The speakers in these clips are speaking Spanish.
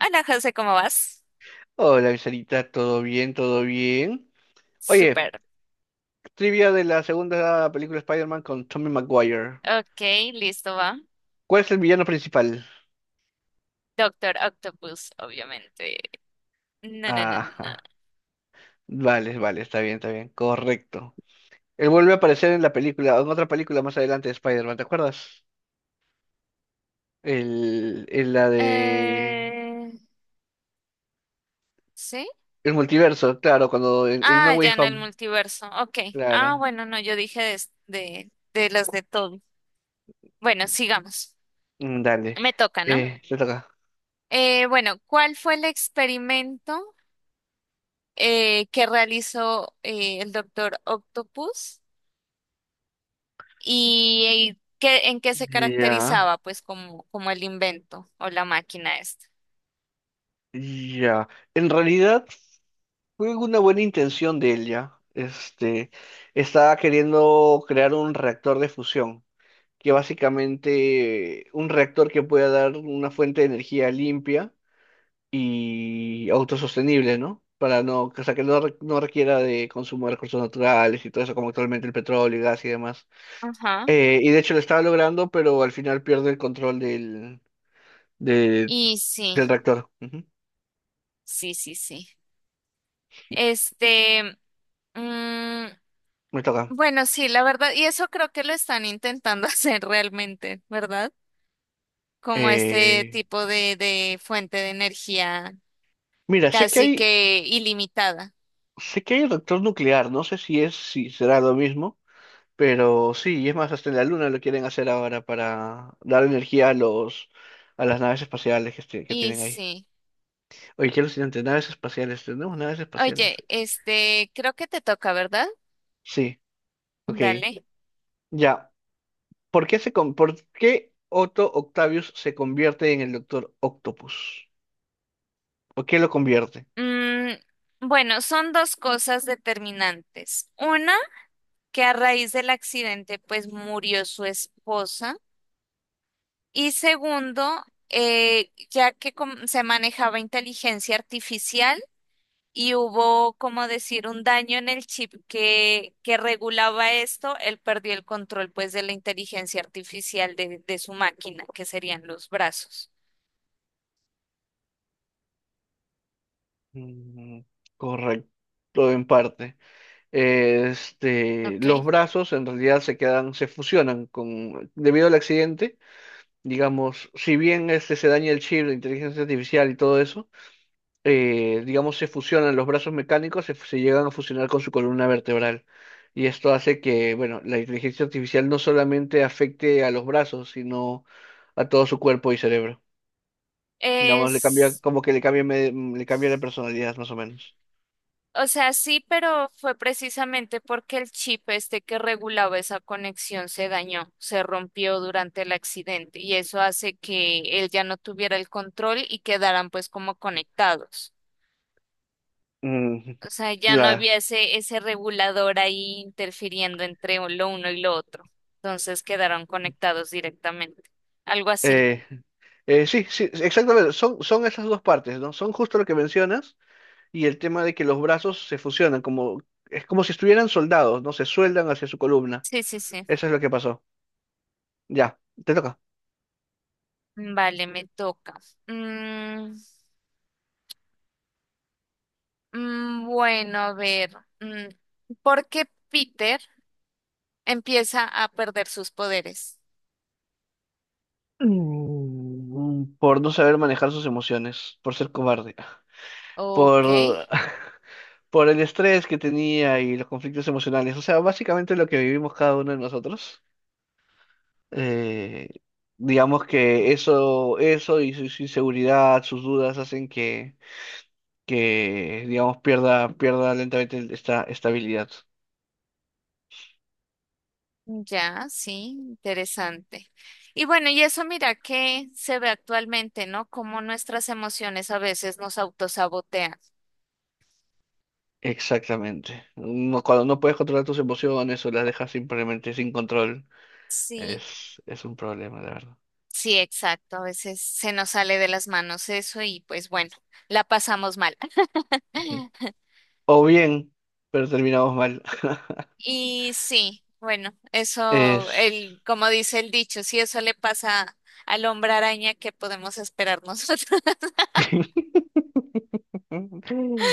Hola José, ¿cómo vas? Hola, Viserita, ¿todo bien? ¿Todo bien? Oye, Súper. trivia de la segunda película Spider-Man con Tommy Maguire. Ok, listo, va. ¿Cuál es el villano principal? Doctor Octopus, obviamente. No, no, no, no, no. Ajá. Vale, vale, está bien, está bien. Correcto. Él vuelve a aparecer en la película, en otra película más adelante de Spider-Man, ¿te acuerdas? En la de Eh, ¿Sí? el multiverso, claro, cuando en No Ah, Way ya en el Home. multiverso. Ok. Ah, Claro. bueno, no, yo dije de las de todo. Bueno, sigamos. Dale. Me toca, ¿no? Te toca. Bueno, ¿cuál fue el experimento que realizó el doctor Octopus en qué se Ya. caracterizaba, pues, como, como el invento o la máquina esta? Ya, en realidad fue una buena intención de él ya. Estaba queriendo crear un reactor de fusión, que básicamente un reactor que pueda dar una fuente de energía limpia y autosostenible, ¿no? Para no, o sea, que no, no requiera de consumo de recursos naturales y todo eso, como actualmente el petróleo, el gas y demás. Ajá. Y de hecho lo estaba logrando, pero al final pierde el control de- Y sí, del reactor. Ujú. sí, sí, sí. Este, mm, Me toca. bueno, sí, la verdad, y eso creo que lo están intentando hacer realmente, ¿verdad? Como este Eh, tipo de fuente de energía Mira, casi que ilimitada. sé que hay reactor nuclear, no sé si es, si será lo mismo, pero sí, y es más, hasta en la Luna lo quieren hacer ahora para dar energía a a las naves espaciales que que Y tienen ahí. sí. Oye, qué alucinante, naves espaciales, tenemos naves Oye, espaciales. este, creo que te toca, ¿verdad? Sí, ok. Dale. Ya. ¿Por qué Otto Octavius se convierte en el Doctor Octopus? ¿Por qué lo convierte? Mm, bueno, son dos cosas determinantes. Una, que a raíz del accidente, pues murió su esposa. Y segundo, se manejaba inteligencia artificial y hubo, como decir, un daño en el chip que regulaba esto, él perdió el control, pues, de la inteligencia artificial de su máquina, que serían los brazos. Mm, Correcto, en parte. Este, los Ok. brazos en realidad se quedan, se fusionan con, debido al accidente, digamos, si bien este se daña el chip de inteligencia artificial y todo eso, digamos, se fusionan los brazos mecánicos, se llegan a fusionar con su columna vertebral. Y esto hace que, bueno, la inteligencia artificial no solamente afecte a los brazos, sino a todo su cuerpo y cerebro. Nada más le cambia, Es. como que le cambia, le cambia la personalidad, más o menos. O sea, sí, pero fue precisamente porque el chip este que regulaba esa conexión se dañó, se rompió durante el accidente y eso hace que él ya no tuviera el control y quedaran pues como conectados. Mm, O sea, ya no claro. había ese regulador ahí interfiriendo entre lo uno y lo otro. Entonces quedaron conectados directamente. Algo así. Eh, sí, sí, exactamente. Son esas dos partes, ¿no? Son justo lo que mencionas y el tema de que los brazos se fusionan, como, es como si estuvieran soldados, ¿no? Se sueldan hacia su columna. Sí, sí, sí. Eso es lo que pasó. Ya, te toca. Vale, me toca. Mm, bueno, a ver. mm, ¿Por qué Peter empieza a perder sus poderes? Por no saber manejar sus emociones, por ser cobarde, Ok, por, por el estrés que tenía y los conflictos emocionales. O sea, básicamente lo que vivimos cada uno de nosotros. Eh, digamos que eso, su inseguridad, sus dudas hacen que digamos, pierda lentamente esta estabilidad. ya, sí, interesante. Y bueno, y eso mira que se ve actualmente, ¿no? Cómo nuestras emociones a veces nos autosabotean. Exactamente. No- cuando no puedes controlar tus emociones o las dejas simplemente sin control, Sí, es un problema, de verdad. sí, exacto. A veces se nos sale de las manos eso y pues bueno, la pasamos mal. Ujú. O bien, pero terminamos mal. Y sí, bueno, eso, Es... el, como dice el dicho, si eso le pasa al hombre araña, ¿qué podemos esperar nosotros?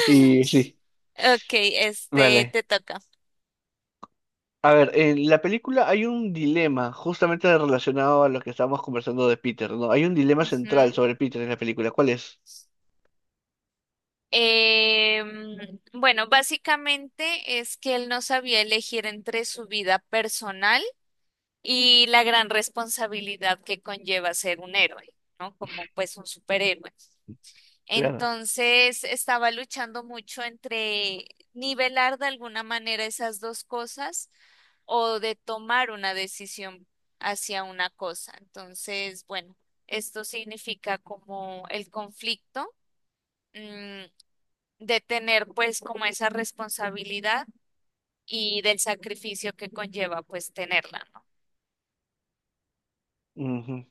Y sí, Ok, este, vale. te toca. A ver, en la película hay un dilema justamente relacionado a lo que estábamos conversando de Peter, ¿no? Hay un dilema Ujú. central sobre Peter en la película. ¿Cuál es? Bueno, básicamente es que él no sabía elegir entre su vida personal y la gran responsabilidad que conlleva ser un héroe, ¿no? Como pues un superhéroe. Claro. Entonces estaba luchando mucho entre nivelar de alguna manera esas dos cosas o de tomar una decisión hacia una cosa. Entonces, bueno, esto significa como el conflicto, mm, de tener pues como esa responsabilidad y del sacrificio que conlleva pues tenerla, ¿no? Ujú,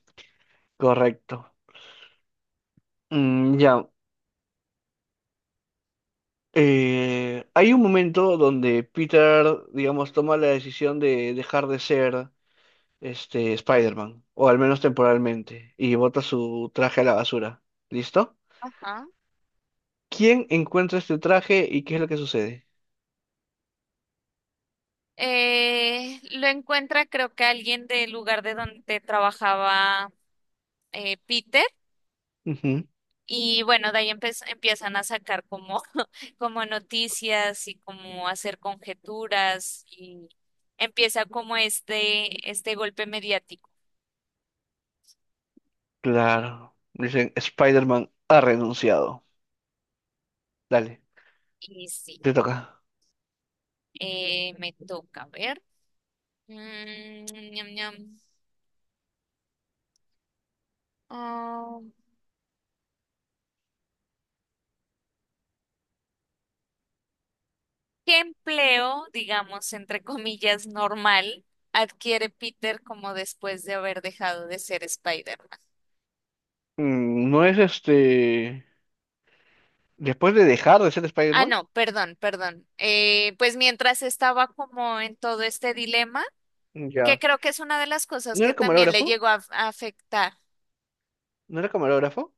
correcto. Ya. Hay un momento donde Peter, digamos, toma la decisión de dejar de ser este Spider-Man, o al menos temporalmente, y bota su traje a la basura. ¿Listo? Ajá. ¿Quién encuentra este traje y qué es lo que sucede? Lo encuentra creo que alguien del lugar de donde trabajaba Peter. Ujú, Y bueno, de ahí empiezan a sacar como, como noticias y como hacer conjeturas y empieza como este golpe mediático. claro. Dicen, Spider-Man ha renunciado. Dale, Y sí, te toca. Me toca ver. Mm, ñam, ñam. Ah, ¿qué empleo, digamos, entre comillas, normal adquiere Peter como después de haber dejado de ser Spider-Man? No es este. Después de dejar de ser Ah, Spider-Man, no, perdón, perdón. Pues mientras estaba como en todo este dilema, que ya. creo que es una de las cosas ¿No que era también le camarógrafo? llegó a afectar. ¿No era camarógrafo?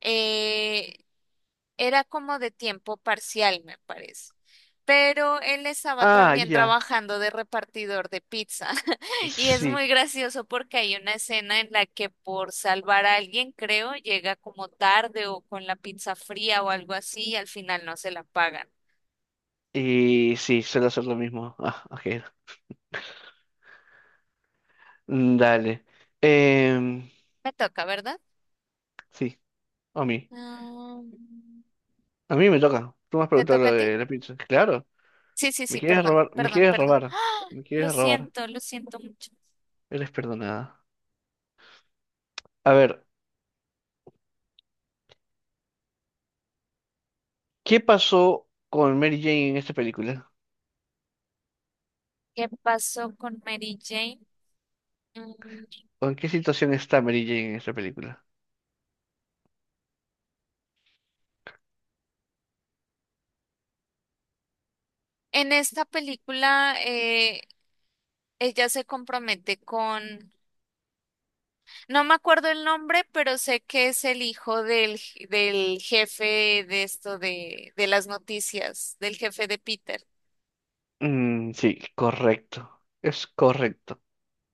Eh, era como de tiempo parcial, me parece. Pero él estaba Ah, también ya. trabajando de repartidor de pizza. Y es Sí. muy gracioso porque hay una escena en la que por salvar a alguien, creo, llega como tarde o con la pizza fría o algo así y al final no se la pagan. Y sí, suelo hacer lo mismo. Ah, ok. Dale. Em, Me toca, ¿verdad? sí, a mí. Mm, A mí me toca. Tú me has ¿Te preguntado toca lo a ti? de la pizza. Claro. Sí, sí, Me sí, quieres perdón, robar, me perdón, quieres perdón. robar. Me quieres robar. Lo siento mucho. Eres perdonada. A ver, ¿qué pasó con Mary Jane en esta película? ¿Qué pasó con Mary Jane? Mm, ¿O en qué situación está Mary Jane en esta película? En esta película, ella se compromete con, no me acuerdo el nombre, pero sé que es el hijo del jefe de esto de las noticias, del jefe de Peter. Sí, correcto. Es correcto.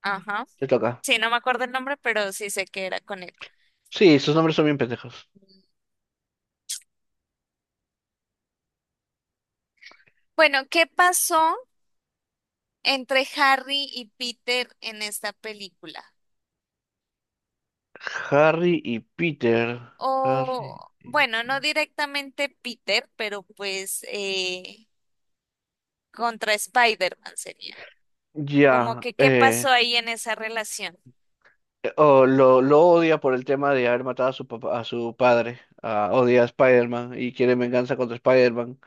Ajá. Te toca. Sí, no me acuerdo el nombre, pero sí sé que era con él. Sí, sus nombres son bien pendejos. Bueno, ¿qué pasó entre Harry y Peter en esta película? Harry y Peter. Harry O, y... bueno, no directamente Peter, pero pues... contra Spider-Man sería. Como Ya. que, ¿qué pasó ahí en esa relación? Lo odia por el tema de haber matado a su papá, a su padre. Ah, odia a Spider-Man y quiere venganza contra Spider-Man,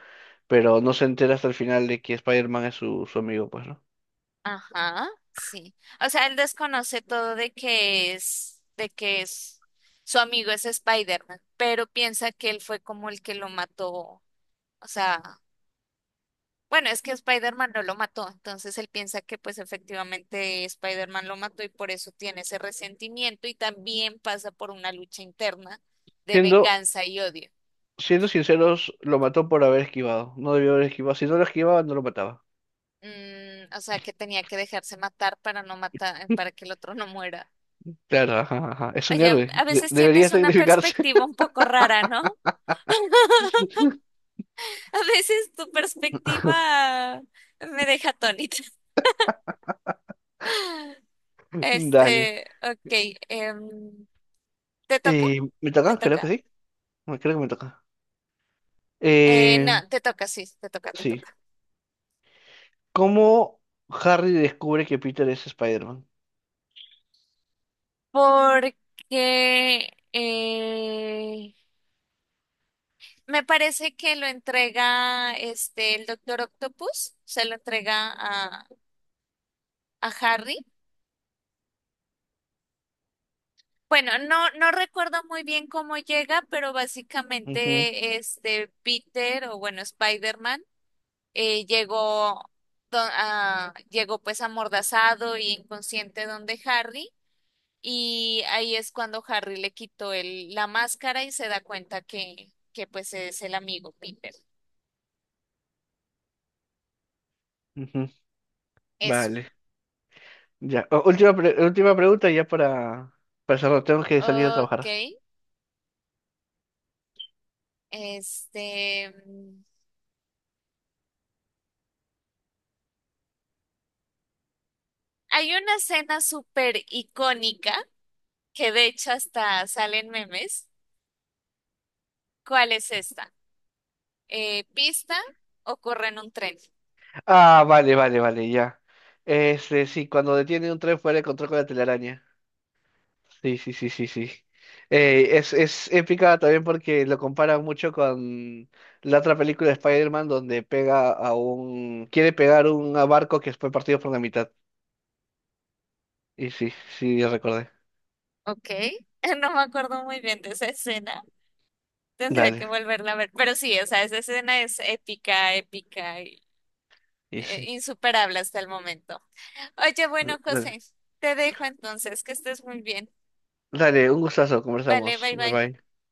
pero no se entera hasta el final de que Spider-Man es su amigo, pues, ¿no? Ajá, sí. O sea, él desconoce todo de que es, su amigo es Spider-Man, pero piensa que él fue como el que lo mató. O sea, bueno, es que Spider-Man no lo mató, entonces él piensa que pues efectivamente Spider-Man lo mató y por eso tiene ese resentimiento y también pasa por una lucha interna de Siendo, venganza y odio. Siendo sinceros, lo mató por haber esquivado. No debió haber esquivado. Si no lo esquivaba, no lo mataba. Mm, o sea, que tenía que dejarse matar para no matar, para que el otro no muera. Claro, ajá, ajá. Es un Oye, héroe. a De- veces debería tienes una sacrificarse. perspectiva un poco rara, ¿no? A veces tu perspectiva me deja atónita. Dale. Este, ok, em, ¿te toca? ¿Me ¿Me toca? Creo que toca? sí. Bueno, creo que me toca. Eh, No, te toca, sí, te toca, te sí. toca. ¿Cómo Harry descubre que Peter es Spider-Man? Porque me parece que lo entrega este, el Doctor Octopus, se lo entrega a Harry. Bueno, no, no recuerdo muy bien cómo llega, pero Ujú, básicamente este Peter o bueno, Spider-Man eh, llegó, llegó pues amordazado y inconsciente donde Harry y ahí es cuando Harry le quitó el, la máscara y se da cuenta que pues es el amigo Peter. ujú. Eso. Vale. Ya. Última pregunta ya para cerrar. Tengo que salir a trabajar. Ok. Este, hay una escena súper icónica que de hecho hasta salen memes. ¿Cuál es esta? Pista o corre en un tren. Ah, vale, vale, vale, ya. Este, sí, cuando detiene un tren fuera de control con la telaraña. Sí, sí, sí, sí, sí. Es épica también porque lo comparan mucho con la otra película de Spider-Man donde pega a un... quiere pegar un a barco que fue partido por la mitad. Y sí, sí, ya recordé. Ok, no me acuerdo muy bien de esa escena. Tendría que Dale, volverla a ver. Pero sí, o sea, esa escena es épica, épica y y sí. insuperable hasta el momento. Oye, bueno, Dale, José, te dejo entonces, que estés muy bien. dale, un gustazo, Vale, conversamos. bye Bye bye. bye.